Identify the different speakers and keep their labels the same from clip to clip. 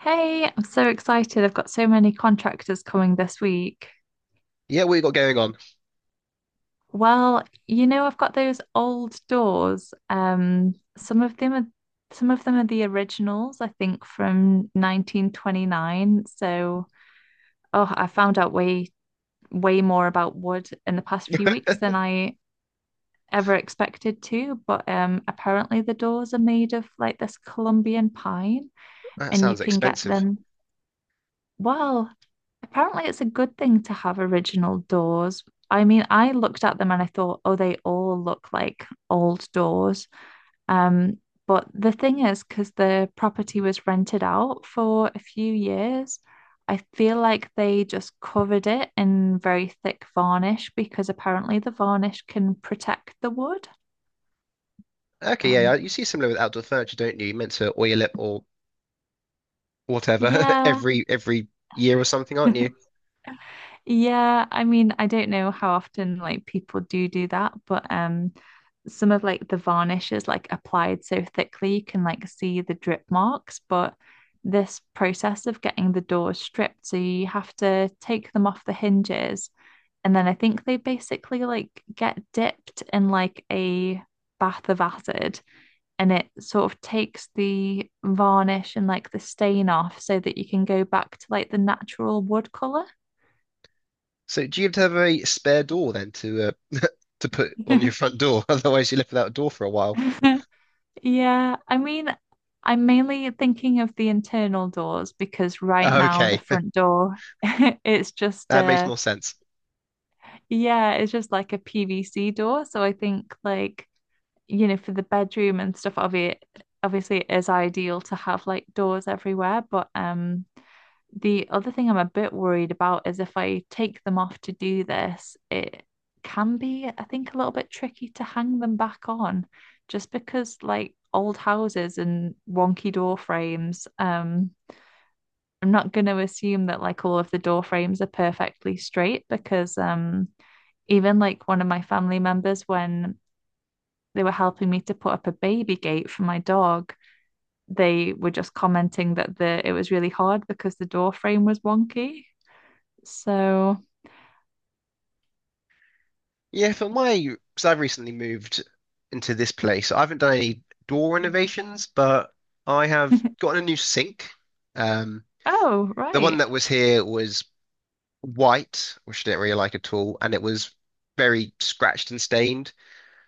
Speaker 1: Hey, I'm so excited. I've got so many contractors coming this week.
Speaker 2: Yeah, what you got going on?
Speaker 1: Well, you know, I've got those old doors. Some of them are the originals, I think, from 1929. I found out way more about wood in the past few weeks than I ever expected to, but apparently the doors are made of like this Colombian pine
Speaker 2: That
Speaker 1: and you
Speaker 2: sounds
Speaker 1: can get
Speaker 2: expensive.
Speaker 1: them. Well, apparently it's a good thing to have original doors. I mean, I looked at them and I thought, oh, they all look like old doors. Um, but the thing is, because the property was rented out for a few years, I feel like they just covered it in very thick varnish because apparently the varnish can protect the wood.
Speaker 2: Okay, yeah, yeah,
Speaker 1: Um,
Speaker 2: you see similar with outdoor furniture, don't you? You're meant to oil it or whatever
Speaker 1: yeah.
Speaker 2: every year or something, aren't you?
Speaker 1: Yeah, I mean, I don't know how often like people do do that, but some of like the varnish is like applied so thickly you can like see the drip marks. But this process of getting the doors stripped, so you have to take them off the hinges, and then I think they basically like get dipped in like a bath of acid, and it sort of takes the varnish and like the stain off so that you can go back to like the natural wood color.
Speaker 2: So do you have to have a spare door then to to put on your front door? Otherwise, you live without a door for a while.
Speaker 1: Yeah, I mean, I'm mainly thinking of the internal doors because right now the
Speaker 2: Okay,
Speaker 1: front door it's just
Speaker 2: that makes more sense.
Speaker 1: yeah, it's just like a PVC door. So I think like, you know, for the bedroom and stuff, obviously it is ideal to have like doors everywhere, but the other thing I'm a bit worried about is if I take them off to do this, it can be, I think, a little bit tricky to hang them back on just because, like, old houses and wonky door frames. I'm not going to assume that, like, all of the door frames are perfectly straight because, even like one of my family members, when they were helping me to put up a baby gate for my dog, they were just commenting that the it was really hard because the door frame was wonky. So.
Speaker 2: Yeah, for my, because I've recently moved into this place, I haven't done any door renovations, but I have gotten a new sink. Um,
Speaker 1: Oh,
Speaker 2: the one
Speaker 1: right.
Speaker 2: that was here was white, which I didn't really like at all, and it was very scratched and stained.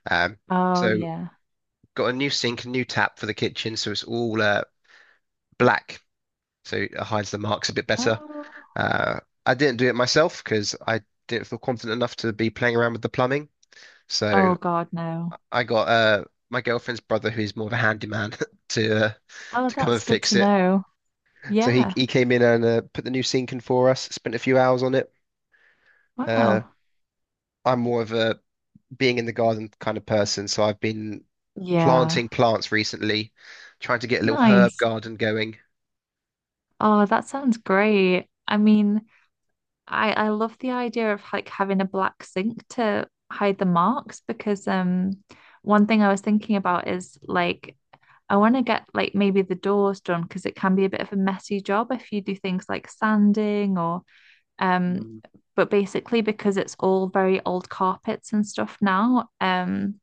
Speaker 2: Um,
Speaker 1: Oh,
Speaker 2: so
Speaker 1: yeah.
Speaker 2: got a new sink, a new tap for the kitchen, so it's all black, so it hides the marks a bit better.
Speaker 1: Oh,
Speaker 2: Uh, I didn't do it myself because I didn't feel confident enough to be playing around with the plumbing.
Speaker 1: oh
Speaker 2: So
Speaker 1: God, no.
Speaker 2: I got my girlfriend's brother, who's more of a handyman, to uh,
Speaker 1: Oh,
Speaker 2: to come
Speaker 1: that's
Speaker 2: and
Speaker 1: good to
Speaker 2: fix it.
Speaker 1: know.
Speaker 2: So he
Speaker 1: Yeah.
Speaker 2: he came in and put the new sink in for us. Spent a few hours on it. Uh,
Speaker 1: Wow.
Speaker 2: I'm more of a being in the garden kind of person, so I've been
Speaker 1: Yeah.
Speaker 2: planting plants recently, trying to get a little herb
Speaker 1: Nice.
Speaker 2: garden going.
Speaker 1: Oh, that sounds great. I mean, I love the idea of like having a black sink to hide the marks because one thing I was thinking about is like I want to get like maybe the doors done because it can be a bit of a messy job if you do things like sanding or. Um,
Speaker 2: Mm.
Speaker 1: but basically, because it's all very old carpets and stuff now,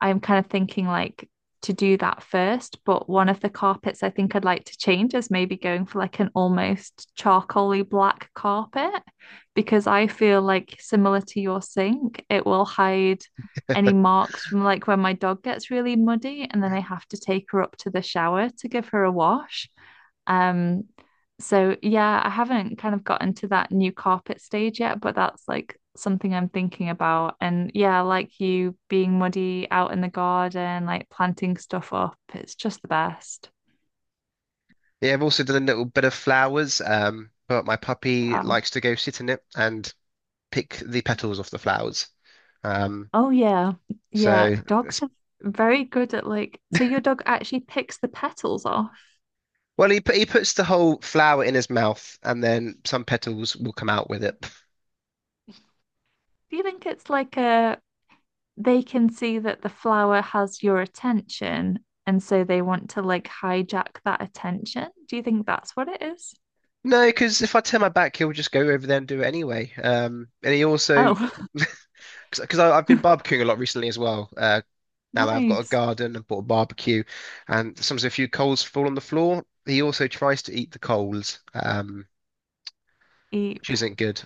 Speaker 1: I'm kind of thinking like to do that first. But one of the carpets I think I'd like to change is maybe going for like an almost charcoaly black carpet, because I feel like similar to your sink, it will hide any marks from like when my dog gets really muddy and then I have to take her up to the shower to give her a wash. Um, so yeah, I haven't kind of gotten to that new carpet stage yet, but that's like something I'm thinking about. And yeah, like you being muddy out in the garden, like planting stuff up, it's just the best.
Speaker 2: Yeah, I've also done a little bit of flowers, but my puppy
Speaker 1: Wow.
Speaker 2: likes to go sit in it and pick the petals off the flowers. Um,
Speaker 1: Oh yeah.
Speaker 2: so,
Speaker 1: Yeah,
Speaker 2: it's-
Speaker 1: dogs are very good at like, so your dog actually picks the petals off.
Speaker 2: well, he puts the whole flower in his mouth, and then some petals will come out with it.
Speaker 1: Do you think it's like a they can see that the flower has your attention and so they want to like hijack that attention? Do you think that's what it is?
Speaker 2: No, because if I turn my back, he'll just go over there and do it anyway. And he also,
Speaker 1: Oh,
Speaker 2: because I've been barbecuing a lot recently as well. Now that I've got a
Speaker 1: nice.
Speaker 2: garden and bought a barbecue, and sometimes a few coals fall on the floor, he also tries to eat the coals, which
Speaker 1: Eep.
Speaker 2: isn't good.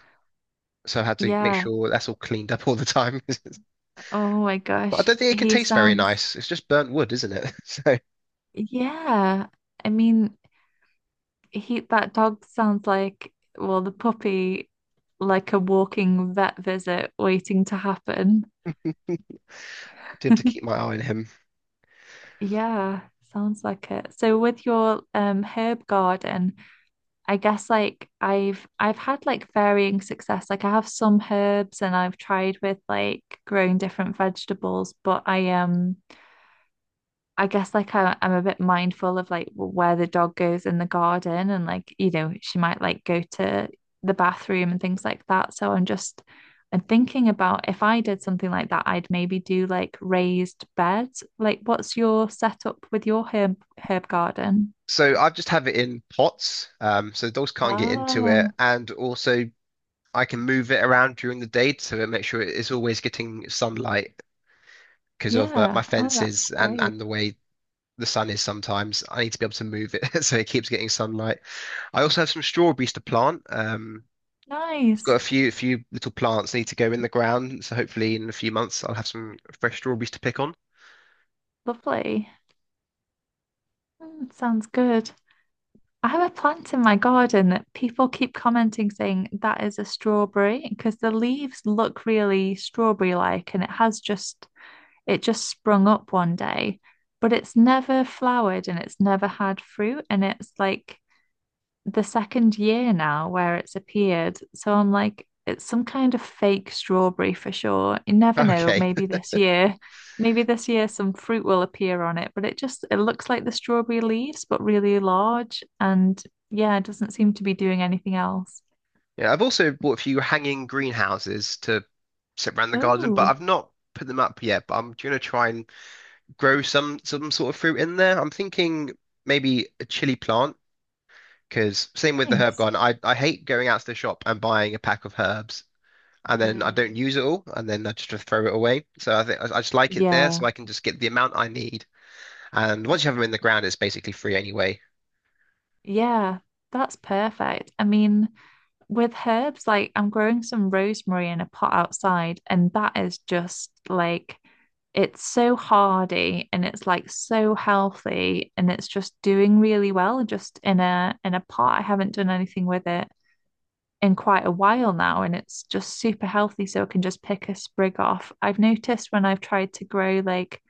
Speaker 2: So I had to make
Speaker 1: Yeah.
Speaker 2: sure that's all cleaned up all the time.
Speaker 1: Oh my
Speaker 2: But I
Speaker 1: gosh.
Speaker 2: don't think it can
Speaker 1: He
Speaker 2: taste very
Speaker 1: sounds,
Speaker 2: nice. It's just burnt wood, isn't it? So I
Speaker 1: yeah. I mean, he that dog sounds like, well, the puppy, like a walking vet visit waiting to happen.
Speaker 2: have to keep my eye on him.
Speaker 1: Yeah, sounds like it. So with your herb garden, I guess like I've had like varying success. Like I have some herbs and I've tried with like growing different vegetables, but I guess like I'm a bit mindful of like where the dog goes in the garden and like, you know, she might like go to the bathroom and things like that. So I'm just I'm thinking about if I did something like that, I'd maybe do like raised beds. Like what's your setup with your herb garden?
Speaker 2: So I just have it in pots, so the dogs can't get into it,
Speaker 1: Oh,
Speaker 2: and also I can move it around during the day to make sure it's always getting sunlight because of my
Speaker 1: yeah. Oh, that's
Speaker 2: fences and
Speaker 1: great.
Speaker 2: the way the sun is sometimes. I need to be able to move it so it keeps getting sunlight. I also have some strawberries to plant. I've
Speaker 1: Nice.
Speaker 2: got a few little plants need to go in the ground, so hopefully in a few months I'll have some fresh strawberries to pick on.
Speaker 1: Lovely. Mm, sounds good. I have a plant in my garden that people keep commenting saying that is a strawberry because the leaves look really strawberry-like and it has just it just sprung up one day, but it's never flowered and it's never had fruit and it's like the second year now where it's appeared. So I'm like, it's some kind of fake strawberry for sure. You never know.
Speaker 2: Okay.
Speaker 1: Maybe this year some fruit will appear on it, but it just it looks like the strawberry leaves, but really large. And yeah, it doesn't seem to be doing anything else.
Speaker 2: Yeah, I've also bought a few hanging greenhouses to sit around the garden, but
Speaker 1: Oh,
Speaker 2: I've not put them up yet. But I'm gonna try and grow some sort of fruit in there. I'm thinking maybe a chili plant, because same with the herb
Speaker 1: nice.
Speaker 2: garden, I hate going out to the shop and buying a pack of herbs and then I
Speaker 1: Mm.
Speaker 2: don't use it all, and then I just throw it away. So I think I just like it there, so
Speaker 1: Yeah.
Speaker 2: I can just get the amount I need. And once you have them in the ground, it's basically free anyway.
Speaker 1: Yeah. That's perfect. I mean, with herbs, like I'm growing some rosemary in a pot outside, and that is just like it's so hardy and it's like so healthy and it's just doing really well just in a pot. I haven't done anything with it in quite a while now and it's just super healthy so I can just pick a sprig off. I've noticed when I've tried to grow like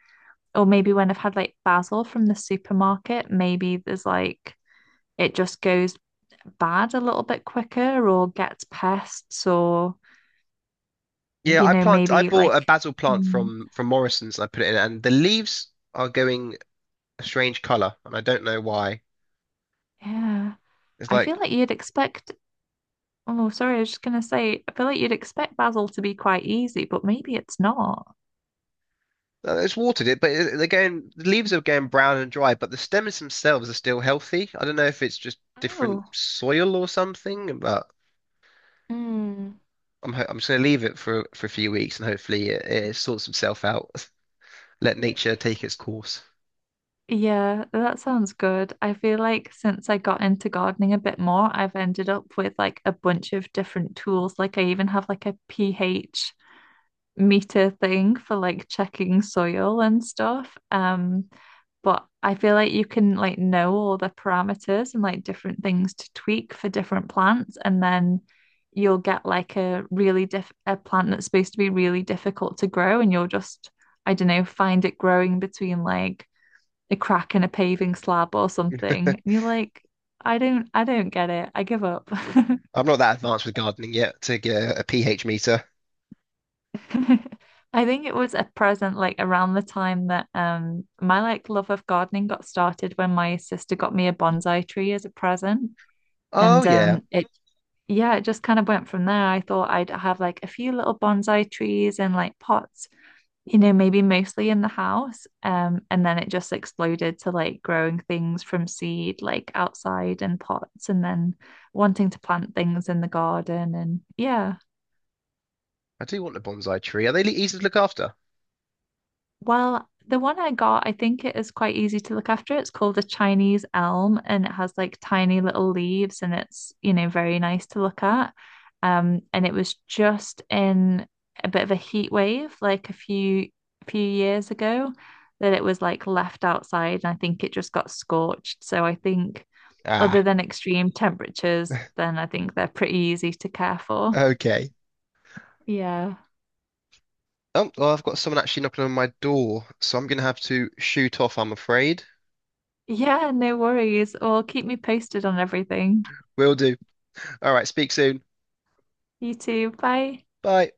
Speaker 1: or maybe when I've had like basil from the supermarket, maybe there's like it just goes bad a little bit quicker or gets pests or,
Speaker 2: Yeah,
Speaker 1: you
Speaker 2: I
Speaker 1: know,
Speaker 2: plant. I
Speaker 1: maybe
Speaker 2: bought
Speaker 1: like,
Speaker 2: a basil plant
Speaker 1: mm,
Speaker 2: from Morrison's, and I put it in, and the leaves are going a strange color, and I don't know why.
Speaker 1: yeah.
Speaker 2: It's
Speaker 1: I feel
Speaker 2: like
Speaker 1: like you'd expect, oh, sorry, I was just gonna say, I feel like you'd expect basil to be quite easy, but maybe it's not.
Speaker 2: It's watered it, but it, again, the leaves are going brown and dry, but the stems themselves are still healthy. I don't know if it's just different
Speaker 1: Oh.
Speaker 2: soil or something, but
Speaker 1: Mm.
Speaker 2: I'm just gonna leave it for a few weeks and hopefully it sorts itself out. Let nature take its course.
Speaker 1: Yeah, that sounds good. I feel like since I got into gardening a bit more, I've ended up with like a bunch of different tools. Like I even have like a pH meter thing for like checking soil and stuff. But I feel like you can like know all the parameters and like different things to tweak for different plants, and then you'll get like a really diff a plant that's supposed to be really difficult to grow, and you'll just, I don't know, find it growing between like a crack in a paving slab or something. And you're like, I don't get it. I give up.
Speaker 2: I'm not that advanced with gardening yet to get a pH meter.
Speaker 1: I think it was a present like around the time that my like love of gardening got started when my sister got me a bonsai tree as a present.
Speaker 2: Oh
Speaker 1: And
Speaker 2: yeah,
Speaker 1: it yeah, it just kind of went from there. I thought I'd have like a few little bonsai trees and like pots, you know, maybe mostly in the house. And then it just exploded to like growing things from seed, like outside in pots, and then wanting to plant things in the garden. And yeah.
Speaker 2: I do want a bonsai tree. Are they easy to look after?
Speaker 1: Well, the one I got, I think it is quite easy to look after. It's called a Chinese elm and it has like tiny little leaves and it's, you know, very nice to look at. And it was just in a bit of a heat wave like a few few years ago that it was like left outside and I think it just got scorched. So I think other
Speaker 2: Ah,
Speaker 1: than extreme temperatures, then I think they're pretty easy to care for.
Speaker 2: okay.
Speaker 1: Yeah.
Speaker 2: Oh, well, I've got someone actually knocking on my door, so I'm gonna have to shoot off, I'm afraid.
Speaker 1: Yeah, no worries. Well, keep me posted on everything.
Speaker 2: Will do. All right, speak soon.
Speaker 1: You too. Bye.
Speaker 2: Bye.